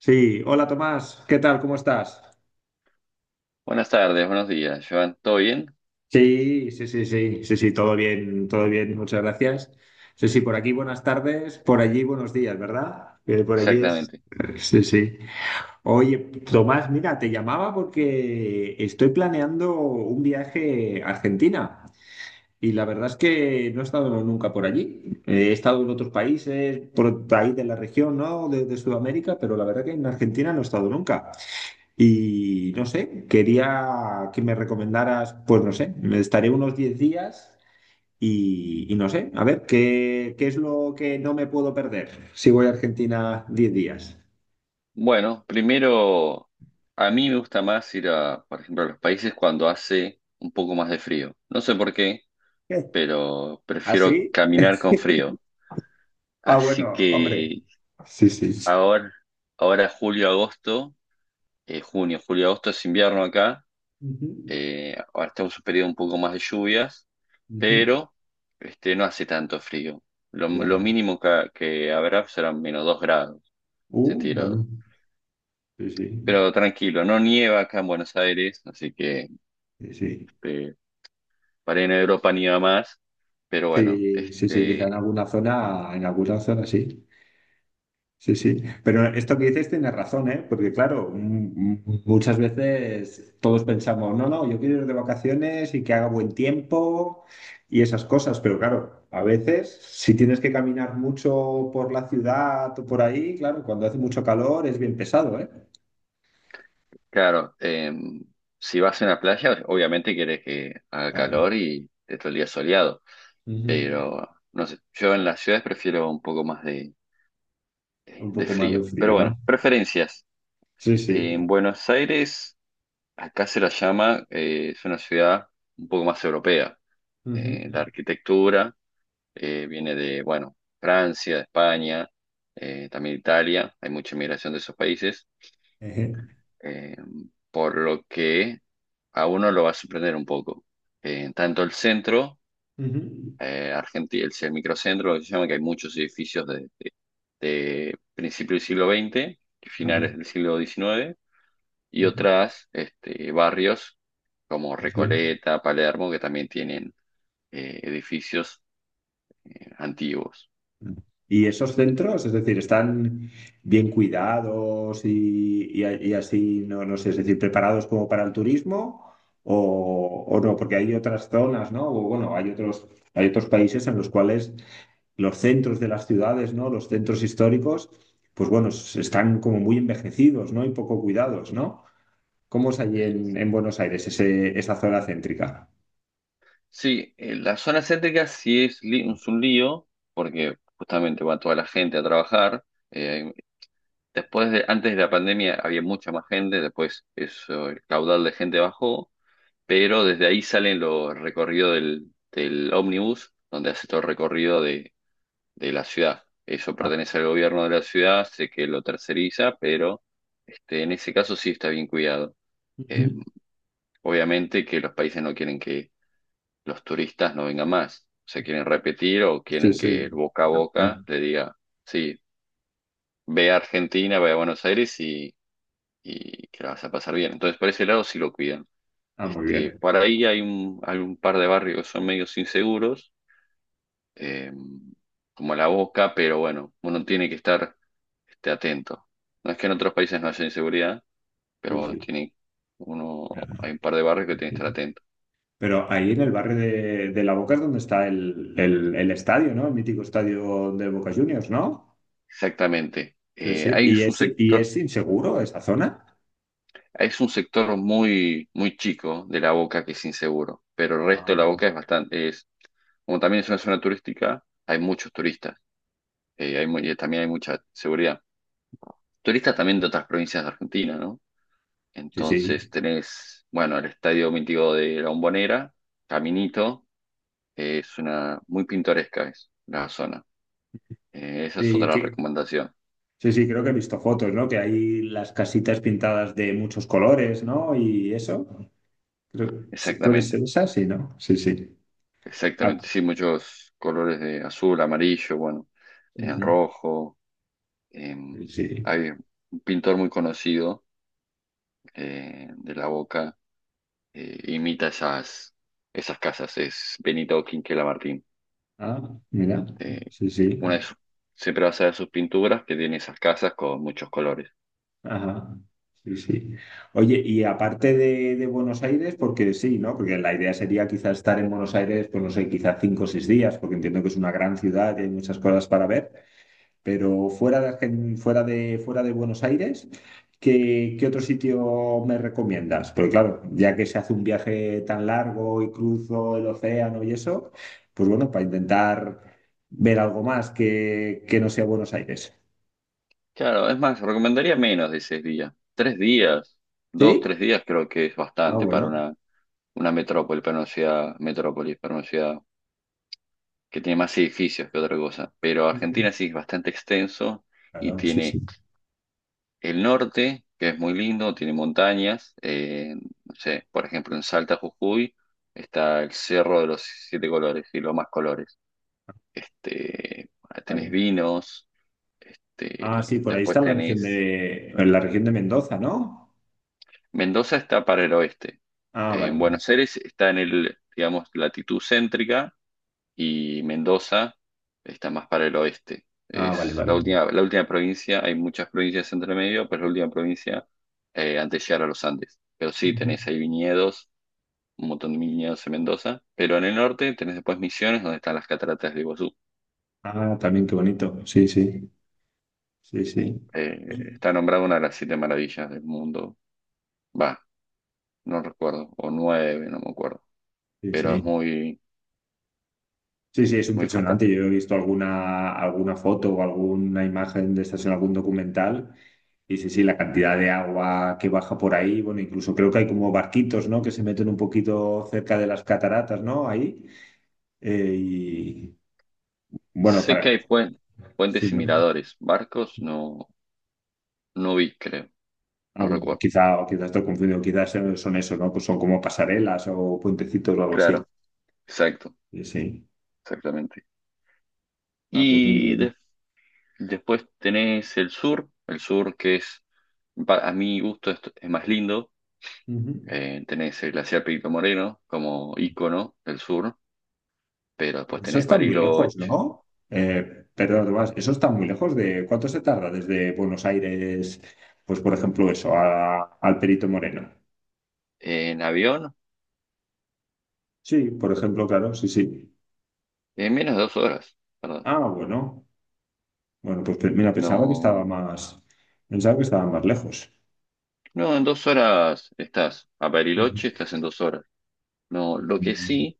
Sí, hola Tomás, ¿qué tal? ¿Cómo estás? Buenas tardes, buenos días, Joan. ¿Todo bien? Sí, sí, sí, sí, sí, sí, todo bien, muchas gracias. Sí, sí, por aquí buenas tardes, por allí buenos días, ¿verdad? Por allí es. Exactamente. Sí, sí. Oye, Tomás, mira, te llamaba porque estoy planeando un viaje a Argentina y la verdad es que no he estado nunca por allí. He estado en otros países, por ahí de la región, ¿no? De Sudamérica, pero la verdad que en Argentina no he estado nunca. Y no sé, quería que me recomendaras, pues no sé, me estaré unos 10 días y no sé, a ver, ¿qué es lo que no me puedo perder si voy a Argentina 10 días? Bueno, primero, a mí me gusta más ir a, por ejemplo, a los países cuando hace un poco más de frío. No sé por qué, ¿Qué? pero prefiero ¿Así? caminar con frío. Ah, Así bueno, hombre. que Sí, sí. ahora, ahora julio, agosto, junio, julio, agosto es invierno acá. Ujú, Ahora estamos en un periodo un poco más de lluvias, ujú. pero no hace tanto frío. Lo, Ya. lo mínimo que habrá serán -2 grados centígrados. Bueno, sí, sí, Pero tranquilo, no nieva acá en Buenos Aires, así que sí, sí. este, para ir a Europa nieva más. Pero bueno, Sí, sí, sí, quizá en alguna zona sí. Sí, sí, pero esto que dices tienes razón, ¿eh? Porque claro, muchas veces todos pensamos, no, no, yo quiero ir de vacaciones y que haga buen tiempo y esas cosas, pero claro, a veces si tienes que caminar mucho por la ciudad o por ahí, claro, cuando hace mucho calor es bien pesado, ¿eh? claro, si vas a una playa, obviamente querés que haga Claro. calor y esté todo el día soleado. Ujú. Pero no sé, yo en las ciudades prefiero un poco más de, de- Un de poco más de frío. frío, Pero ¿no? bueno, preferencias. Sí, sí. En Buenos Aires, acá se la llama, es una ciudad un poco más europea. Ujú. La arquitectura, viene de, bueno, Francia, España, también Italia. Hay mucha inmigración de esos países, Ejé. eh, por lo que a uno lo va a sorprender un poco. Tanto el centro, Ujú. el microcentro, lo que se llama, que hay muchos edificios de principios del siglo XX y Ajá. finales del siglo XIX, y Ujú. otras barrios como Sí. Recoleta, Palermo, que también tienen edificios antiguos. ¿Y esos centros, es decir, están bien cuidados y así, no, no sé, es decir, preparados como para el turismo o no? Porque hay otras zonas, ¿no? O bueno, hay otros países en los cuales los centros de las ciudades, ¿no? Los centros históricos, pues bueno, están como muy envejecidos, ¿no? Y poco cuidados, ¿no? ¿Cómo es allí en Buenos Aires, esa zona céntrica? Sí, la zona céntrica sí es un lío, porque justamente va toda la gente a trabajar. Eh, Después de, antes de la pandemia había mucha más gente, después eso, el caudal de gente bajó, pero desde ahí salen los recorridos del, del ómnibus, donde hace todo el recorrido de la ciudad. Eso Ah, pertenece al gobierno de la ciudad, sé que lo terceriza, pero en ese caso sí está bien cuidado. Eh, ujú. Obviamente que los países no quieren que los turistas no vengan más. Se quieren repetir o Sí, quieren que el sí. boca a boca le diga, sí, ve a Argentina, ve a Buenos Aires, y que la vas a pasar bien. Entonces, por ese lado sí lo cuidan. Ah, muy bien. Por ahí hay un par de barrios que son medios inseguros, eh, como La Boca, pero bueno, uno tiene que estar atento. No es que en otros países no haya inseguridad, pero bueno, Sí, tiene, uno, hay un par de barrios que tiene que sí. estar atento. Pero ahí en el barrio de La Boca es donde está el, el estadio, ¿no? El mítico estadio de Boca Juniors, ¿no? Exactamente. Sí, sí. Hay un Y sector es inseguro esa zona? Es un sector muy, muy chico de la Boca que es inseguro, pero el resto de la Ah, Boca es bastante, es, como también es una zona turística, hay muchos turistas, y también hay mucha seguridad. Turistas también de otras provincias de Argentina, ¿no? sí, Entonces sí. tenés, bueno, el Estadio Mítico de La Bombonera, Caminito, que es una, muy pintoresca es la zona. Esa es Sí, otra recomendación. sí, sí, creo que he visto fotos, ¿no? Que hay las casitas pintadas de muchos colores, ¿no? Y eso. Sí, ¿puede ser Exactamente, esa? Sí, ¿no? Sí, sí. Ah, exactamente. Sí, muchos colores de azul, amarillo, bueno, en ujú. rojo. eh, Sí, sí. Hay un pintor muy conocido de La Boca, imita esas casas, es Benito Quinquela Martín. Ah, mira. Eh, Sí, una sí. de sus- Siempre vas a ver sus pinturas que tiene esas casas con muchos colores. Ajá, sí, sí. Oye, y aparte de Buenos Aires, porque sí, ¿no? Porque la idea sería quizás estar en Buenos Aires, pues no sé, quizás 5 o 6 días, porque entiendo que es una gran ciudad y hay muchas cosas para ver, pero fuera de, Argen- fuera de Buenos Aires, ¿qué otro sitio me recomiendas? Porque claro, ya que se hace un viaje tan largo y cruzo el océano y eso, pues bueno, para intentar ver algo más que no sea Buenos Aires. Claro, es más, recomendaría menos de 6 días. 3 días, dos, ¿Sí? tres días creo que es Ah, bastante para bueno. una metrópoli, para una ciudad, metrópolis, para una ciudad que tiene más edificios que otra cosa. Pero Ujú. Argentina sí es bastante extenso y Claro, sí, sí. tiene el norte, que es muy lindo, tiene montañas. No sé, por ejemplo, en Salta, Jujuy, está el Cerro de los Siete Colores y los más colores. Este, Tenés Vale. vinos, Ah, sí, por ahí después está la región tenés. de, en la región de Mendoza, ¿no? Mendoza está para el oeste. Ah, vale. En Buenos Aires está en el, digamos, latitud céntrica, y Mendoza está más para el oeste. Ah, vale, Es vale. La última provincia, hay muchas provincias entre medio, pero es la última provincia antes de llegar a los Andes. Pero sí, Ujú. tenés ahí viñedos, un montón de viñedos en Mendoza, pero en el norte tenés después Misiones, donde están las cataratas de Iguazú. Ah, también qué bonito. Sí, sí. Sí, sí. Está nombrada una de las siete maravillas del mundo. Va, no recuerdo, o nueve, no me acuerdo, Sí, pero es sí. muy, Sí, sí, es muy impresionante. fantástico. Yo he visto alguna, alguna foto o alguna imagen de estas en algún documental. Y sí, sí, la cantidad de agua que baja por ahí. Bueno, incluso creo que hay como barquitos, ¿no? Que se meten un poquito cerca de las cataratas, ¿no? Ahí. Y bueno, Sé que para. hay Sí, puentes y ¿no? miradores, barcos no, no vi, creo, Ah, no bueno, recuerdo. quizá, o quizás estoy confundido, quizás son eso, ¿no? Pues son como pasarelas o puentecitos o algo así. Claro. Exacto, Sí, sí. exactamente. Ah, pues muy Y bien. Después tenés el sur que es, a mi gusto, es más lindo. Ujú. Tenés el glaciar Perito Moreno como ícono del sur, pero después Pero eso tenés está muy lejos, Bariloche. ¿no? Perdón, Tomás, eso está muy lejos de... ¿Cuánto se tarda desde Buenos Aires, pues por ejemplo eso, al Perito Moreno? En avión, Sí, por ejemplo, claro, sí, sí. en menos de 2 horas, ¿verdad? Ah, bueno. Bueno, pues mira, pensaba que estaba No, más... Pensaba que estaba más lejos. no, en 2 horas estás. A Ujú. Bariloche estás en 2 horas. No, lo que sí,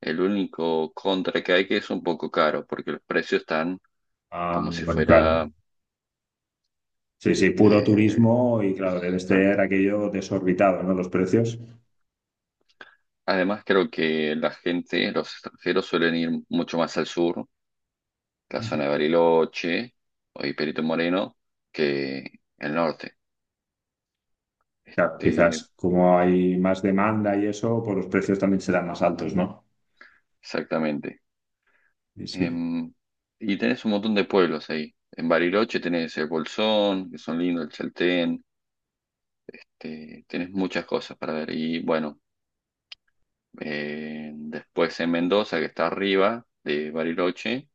el único contra que hay que es un poco caro, porque los precios están Ah, como si bueno, claro. fuera. Sí, sí, puro Eh, turismo y claro, debe o sea, ser aquello desorbitado, ¿no? Los precios. además, creo que la gente, los extranjeros suelen ir mucho más al sur, la Ujú. zona de Bariloche o y Perito Moreno, que el norte. Claro, Este, quizás como hay más demanda y eso, pues los precios también serán más altos, ¿no? Exactamente. Sí, sí. Em, y tenés un montón de pueblos ahí. En Bariloche tenés el Bolsón, que son lindos, el Chaltén, tenés muchas cosas para ver. Y bueno, después en Mendoza, que está arriba de Bariloche.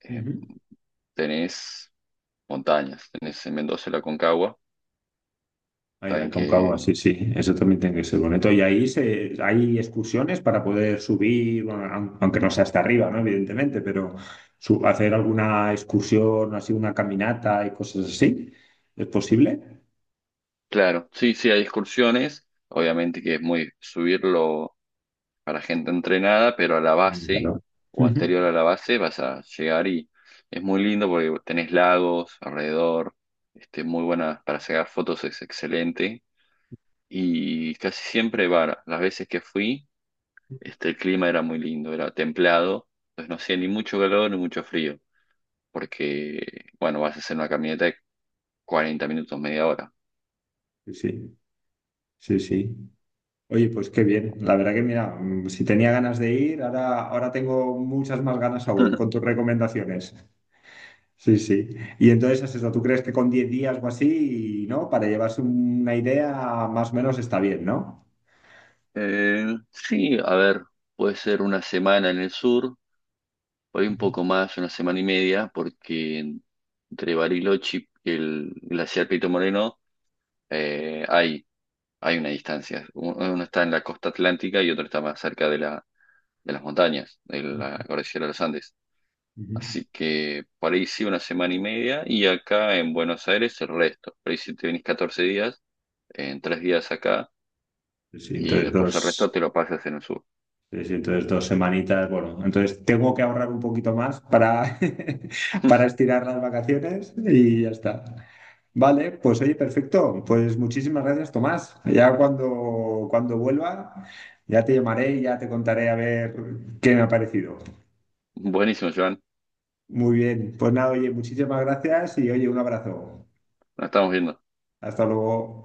eh, Ujú. Tenés montañas, tenés en Mendoza la Concagua, Ahí la también Aconcagua, que, sí, sí, eso también tiene que ser bonito. Y ahí se, hay excursiones para poder subir, bueno, aunque no sea hasta arriba, ¿no? Evidentemente, pero hacer alguna excursión, así una caminata y cosas así, ¿es posible? claro, sí, sí, hay excursiones, obviamente que es muy subirlo para gente entrenada, pero a la Ah, base claro. o Ujú. anterior a la base vas a llegar y es muy lindo porque tenés lagos alrededor, muy buena para sacar fotos, es excelente y casi siempre, va, las veces que fui, el clima era muy lindo, era templado, entonces no hacía ni mucho calor ni mucho frío. Porque, bueno, vas a hacer una caminata de 40 minutos, media hora. Sí, sí, sí, sí. Oye, pues qué bien. La verdad que mira, si tenía ganas de ir, ahora, ahora tengo muchas más ganas aún con tus recomendaciones. Sí, sí. Y entonces es eso, ¿tú crees que con 10 días o así, ¿no? Para llevarse una idea, más o menos está bien, ¿no? Sí, a ver, puede ser una semana en el sur, por ahí un Ujú, poco más, una semana y media, porque entre Bariloche y el glaciar Pito Moreno eh, hay, hay una distancia. Uno está en la costa atlántica y otro está más cerca de la, de las montañas, de la cordillera de los Andes. ujú. Así que por ahí sí una semana y media y acá en Buenos Aires el resto. Por ahí si te venís 14 días, en 3 días acá Sí, y entre después dos. el resto te lo pasas en el sur. Sí, sí, entonces 2 semanitas, bueno, entonces tengo que ahorrar un poquito más para, para estirar las vacaciones y ya está. Vale, pues oye, perfecto. Pues muchísimas gracias, Tomás. Ya cuando vuelva, ya te llamaré y ya te contaré a ver qué me ha parecido. Buenísimo, Joan. Muy bien, pues nada, oye, muchísimas gracias y oye, un abrazo. Nos estamos viendo. Hasta luego.